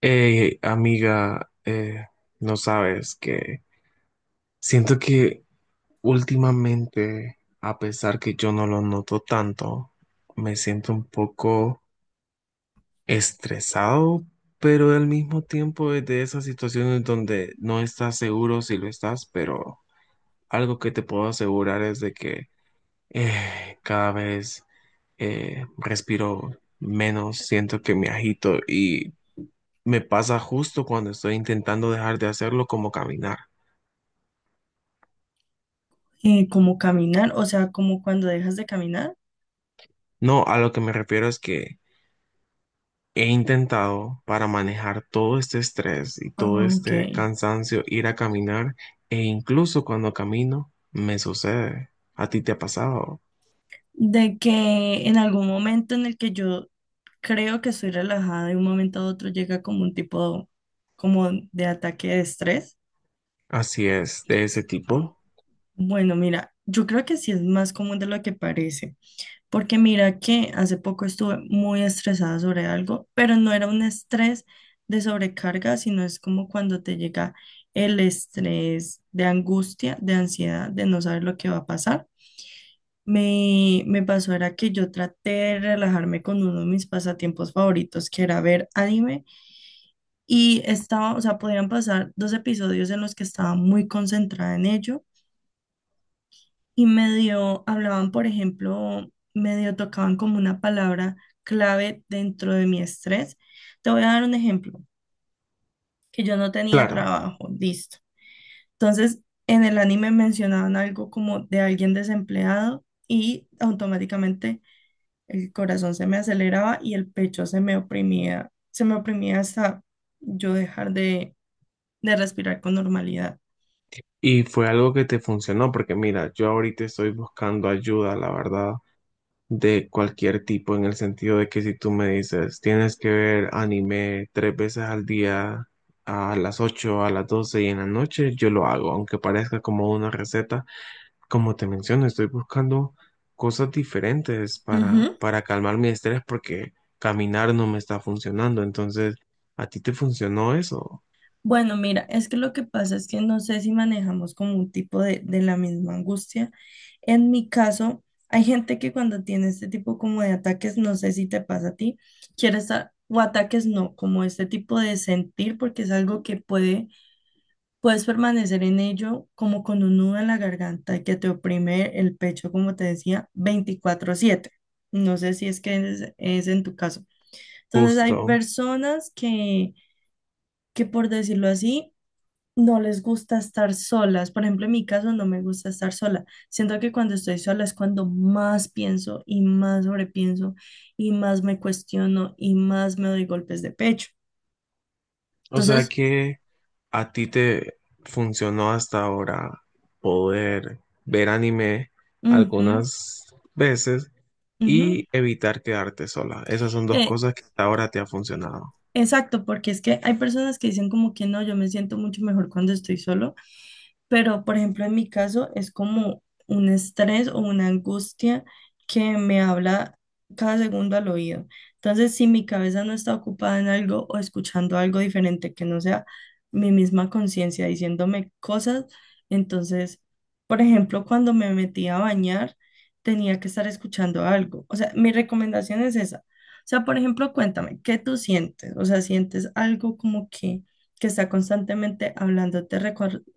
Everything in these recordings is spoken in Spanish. Hey, amiga, no sabes que siento que últimamente, a pesar que yo no lo noto tanto, me siento un poco estresado, pero al mismo tiempo es de esas situaciones donde no estás seguro si lo estás, pero algo que te puedo asegurar es de que cada vez respiro menos, siento que me agito y me pasa justo cuando estoy intentando dejar de hacerlo como caminar. Como caminar, o sea, como cuando dejas de caminar. No, a lo que me refiero es que he intentado para manejar todo este estrés y todo Ah, ok. este cansancio ir a caminar e incluso cuando camino me sucede. ¿A ti te ha pasado? De que en algún momento en el que yo creo que estoy relajada, de un momento a otro llega como un tipo como de ataque de estrés. Así es, de ese tipo. Bueno, mira, yo creo que sí es más común de lo que parece, porque mira que hace poco estuve muy estresada sobre algo, pero no era un estrés de sobrecarga, sino es como cuando te llega el estrés de angustia, de ansiedad, de no saber lo que va a pasar. Me pasó era que yo traté de relajarme con uno de mis pasatiempos favoritos, que era ver anime, y estaba, o sea, podían pasar dos episodios en los que estaba muy concentrada en ello, y medio hablaban, por ejemplo, medio tocaban como una palabra clave dentro de mi estrés. Te voy a dar un ejemplo, que yo no tenía Claro. trabajo, listo. Entonces, en el anime mencionaban algo como de alguien desempleado y automáticamente el corazón se me aceleraba y el pecho se me oprimía hasta yo dejar de respirar con normalidad. Y fue algo que te funcionó porque mira, yo ahorita estoy buscando ayuda, la verdad, de cualquier tipo, en el sentido de que si tú me dices, tienes que ver anime 3 veces al día, a las 8 a las 12 y en la noche, yo lo hago, aunque parezca como una receta. Como te menciono, estoy buscando cosas diferentes Ujú. para calmar mi estrés porque caminar no me está funcionando. Entonces, ¿a ti te funcionó eso? Bueno, mira, es que lo que pasa es que no sé si manejamos como un tipo de la misma angustia. En mi caso, hay gente que cuando tiene este tipo como de ataques, no sé si te pasa a ti, quiere estar, o ataques no, como este tipo de sentir, porque es algo que puede puedes permanecer en ello como con un nudo en la garganta que te oprime el pecho, como te decía, 24/7. No sé si es que es en tu caso. Entonces hay Justo. personas que, por decirlo así, no les gusta estar solas. Por ejemplo, en mi caso no me gusta estar sola. Siento que cuando estoy sola es cuando más pienso y más sobrepienso y más me cuestiono y más me doy golpes de pecho. O sea Entonces, que... ¿A ti te funcionó hasta ahora poder ver anime ujú, algunas veces ujú. y evitar quedarte sola? Esas son dos Eh, cosas que hasta ahora te ha funcionado. Exacto, porque es que hay personas que dicen como que no, yo me siento mucho mejor cuando estoy solo, pero, por ejemplo, en mi caso es como un estrés o una angustia que me habla cada segundo al oído. Entonces, si mi cabeza no está ocupada en algo o escuchando algo diferente que no sea mi misma conciencia diciéndome cosas, entonces, por ejemplo, cuando me metí a bañar, tenía que estar escuchando algo. O sea, mi recomendación es esa. O sea, por ejemplo, cuéntame, ¿qué tú sientes? O sea, ¿sientes algo como que está constantemente hablándote,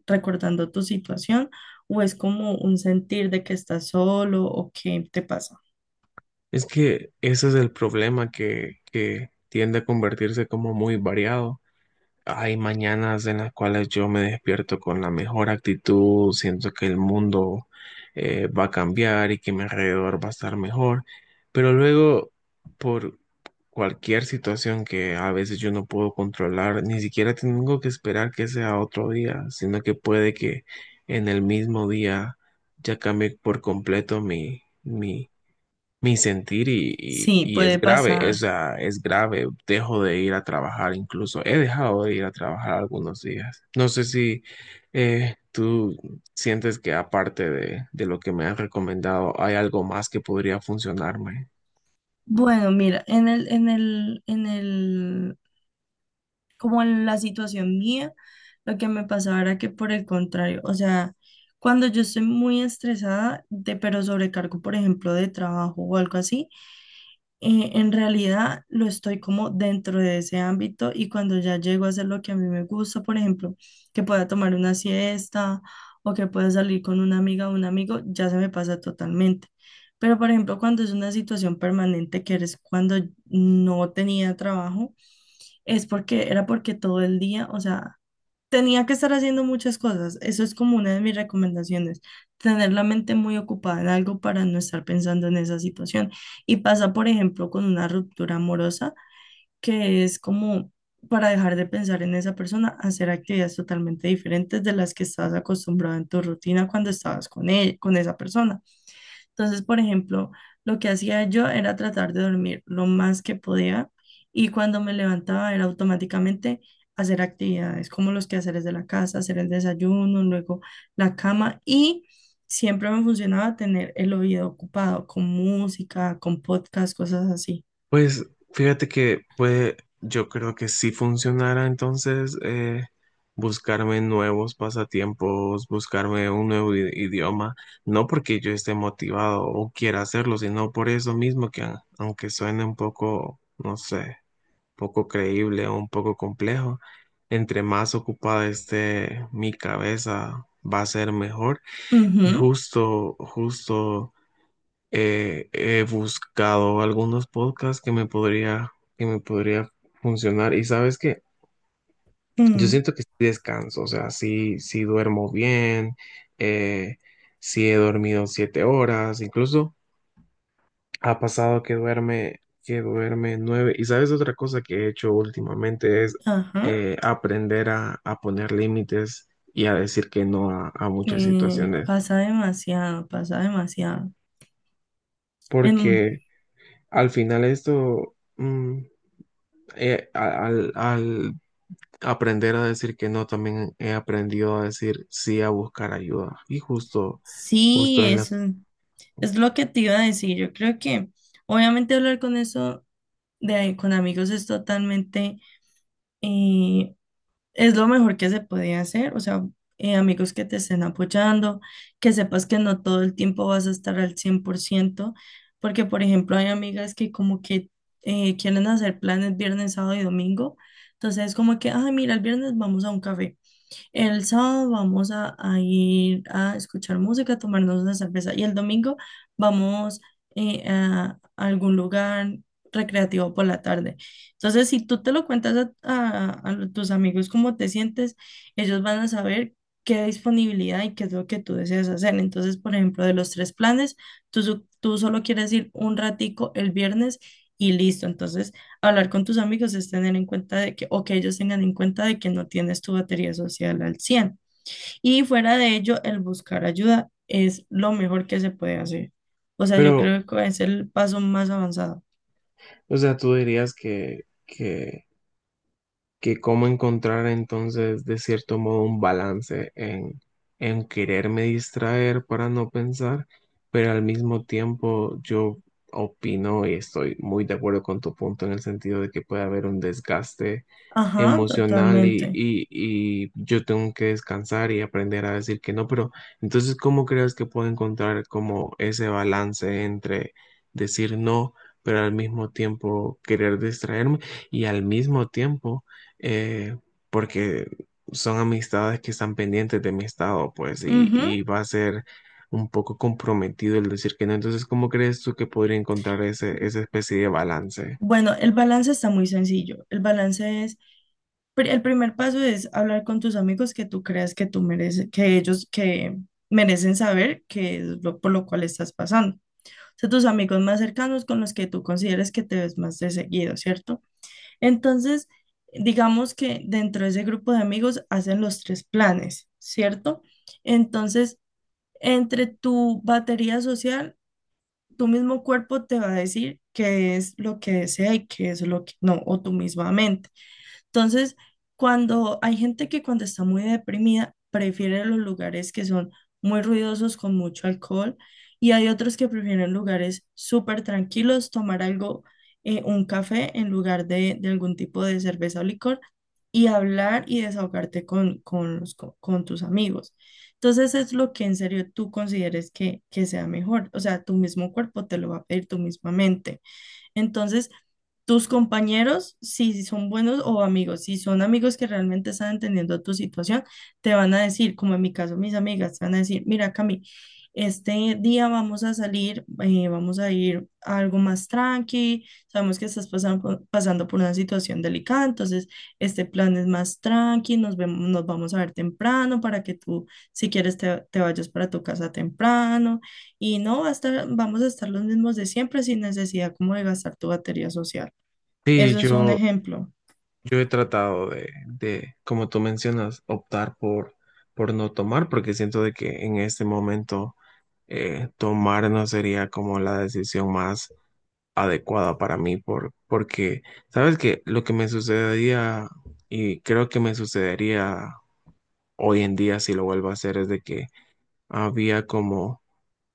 recordando tu situación o es como un sentir de que estás solo o qué te pasa? Es que ese es el problema que tiende a convertirse como muy variado. Hay mañanas en las cuales yo me despierto con la mejor actitud, siento que el mundo va a cambiar y que mi alrededor va a estar mejor, pero luego por cualquier situación que a veces yo no puedo controlar, ni siquiera tengo que esperar que sea otro día, sino que puede que en el mismo día ya cambie por completo mi sentir Sí, y puede es grave, o pasar. sea, es grave. Dejo de ir a trabajar, incluso he dejado de ir a trabajar algunos días. No sé si tú sientes que aparte de lo que me has recomendado, hay algo más que podría funcionarme. Bueno, mira, en el, como en la situación mía, lo que me pasaba era que por el contrario, o sea, cuando yo estoy muy estresada de, pero sobrecargo, por ejemplo, de trabajo o algo así, en realidad lo estoy como dentro de ese ámbito y cuando ya llego a hacer lo que a mí me gusta, por ejemplo, que pueda tomar una siesta o que pueda salir con una amiga o un amigo, ya se me pasa totalmente. Pero, por ejemplo, cuando es una situación permanente que eres cuando no tenía trabajo, es porque era porque todo el día, o sea, tenía que estar haciendo muchas cosas. Eso es como una de mis recomendaciones. Tener la mente muy ocupada en algo para no estar pensando en esa situación. Y pasa, por ejemplo, con una ruptura amorosa, que es como para dejar de pensar en esa persona, hacer actividades totalmente diferentes de las que estabas acostumbrado en tu rutina cuando estabas con él, con esa persona. Entonces, por ejemplo, lo que hacía yo era tratar de dormir lo más que podía y cuando me levantaba era automáticamente hacer actividades como los quehaceres de la casa, hacer el desayuno, luego la cama y siempre me funcionaba tener el oído ocupado con música, con podcast, cosas así. Pues fíjate que puede, yo creo que si funcionara entonces buscarme nuevos pasatiempos, buscarme un nuevo idioma, no porque yo esté motivado o quiera hacerlo, sino por eso mismo que aunque suene un poco, no sé, poco creíble o un poco complejo, entre más ocupada esté mi cabeza va a ser mejor. Ujú, Justo he buscado algunos podcasts que me podría funcionar. Y sabes que yo ujú, siento que sí descanso, o sea, sí duermo bien, eh, sí he dormido 7 horas, incluso ha pasado que duerme nueve. Y sabes otra cosa que he hecho últimamente es ajá. Aprender a poner límites y a decir que no a muchas situaciones, Pasa demasiado, pasa demasiado. Em, porque al final esto... mm, a- al, al aprender a decir que no, también he aprendido a decir sí, a buscar ayuda. Y justo, sí, justo es la... eso. Es lo que te iba a decir. Yo creo que obviamente hablar con eso de ahí con amigos es totalmente, eh, es lo mejor que se puede hacer. O sea, amigos que te estén apoyando, que sepas que no todo el tiempo vas a estar al 100 por ciento porque por ejemplo hay amigas que como que quieren hacer planes viernes, sábado y domingo. Entonces es como que, ay, mira, el viernes vamos a un café. El sábado vamos a ir a escuchar música, a tomarnos una cerveza y el domingo vamos a algún lugar recreativo por la tarde. Entonces, si tú te lo cuentas a tus amigos cómo te sientes, ellos van a saber qué disponibilidad y qué es lo que tú deseas hacer. Entonces, por ejemplo, de los tres planes, tú solo quieres ir un ratico el viernes y listo. Entonces, hablar con tus amigos es tener en cuenta de que, o que ellos tengan en cuenta de que no tienes tu batería social al cien. Y fuera de ello, el buscar ayuda es lo mejor que se puede hacer. O sea, yo Pero, creo que es el paso más avanzado. o sea, tú dirías que cómo encontrar entonces de cierto modo un balance en quererme distraer para no pensar, pero al mismo tiempo yo opino y estoy muy de acuerdo con tu punto en el sentido de que puede haber un desgaste Ajá, emocional totalmente. Y yo tengo que descansar y aprender a decir que no, pero entonces ¿cómo crees que puedo encontrar como ese balance entre decir no, pero al mismo tiempo querer distraerme y al mismo tiempo eh, porque son amistades que están pendientes de mi estado, pues, Ujú. y va a ser un poco comprometido el decir que no. Entonces, ¿cómo crees tú que podría encontrar ese, esa especie de balance? Bueno, el balance está muy sencillo. El balance es, el primer paso es hablar con tus amigos que tú creas que tú mereces, que ellos que merecen saber qué es lo por lo cual estás pasando. Son tus amigos más cercanos con los que tú consideres que te ves más de seguido, ¿cierto? Entonces, digamos que dentro de ese grupo de amigos hacen los tres planes, ¿cierto? Entonces, entre tu batería social, tu mismo cuerpo te va a decir qué es lo que desea y qué es lo que no, o tu misma mente. Entonces, cuando hay gente que cuando está muy deprimida prefiere los lugares que son muy ruidosos con mucho alcohol y hay otros que prefieren lugares súper tranquilos, tomar algo, un café en lugar de algún tipo de cerveza o licor y hablar y desahogarte con tus amigos. Entonces es lo que en serio tú consideres que sea mejor. O sea, tu mismo cuerpo te lo va a pedir, tu misma mente. Entonces, tus compañeros, si son buenos o amigos, si son amigos que realmente están entendiendo tu situación, te van a decir, como en mi caso, mis amigas, te van a decir, mira, Cami, este día vamos a salir, vamos a ir a algo más tranqui, sabemos que estás pasando, pasando por una situación delicada, entonces este plan es más tranqui, nos vemos, nos vamos a ver temprano para que tú, si quieres, te vayas para tu casa temprano, y no va a estar, vamos a estar los mismos de siempre sin necesidad como de gastar tu batería social. Sí, Eso es un yo, ejemplo. yo he tratado de, como tú mencionas, optar por no tomar, porque siento de que en este momento tomar no sería como la decisión más adecuada para mí porque, ¿sabes qué? Lo que me sucedería y creo que me sucedería hoy en día si lo vuelvo a hacer es de que había como,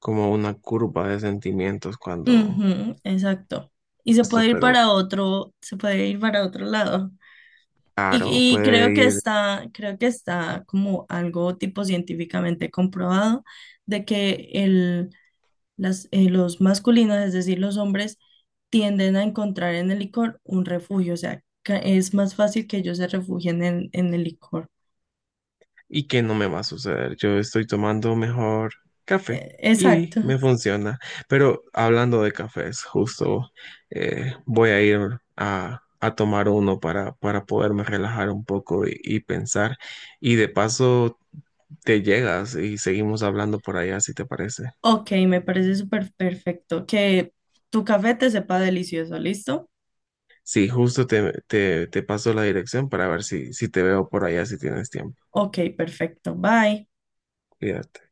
como una curva de sentimientos cuando Ujú, exacto. Y se esto, puede ir pero para otro, se puede ir para otro lado. Y, claro, y puede ir creo que está como algo tipo científicamente comprobado de que el, las, los masculinos, es decir, los hombres, tienden a encontrar en el licor un refugio. O sea, es más fácil que ellos se refugien en el licor. y que no me va a suceder. Yo estoy tomando mejor café y Exacto. me funciona. Pero hablando de cafés, justo voy a ir a tomar uno para poderme relajar un poco y pensar. Y de paso te llegas y seguimos hablando por allá, si te parece. Ok, me parece súper perfecto. Que tu café te sepa delicioso, ¿listo? Sí, justo te paso la dirección para ver si, si te veo por allá, si tienes tiempo. Ok, perfecto. Bye. Cuídate.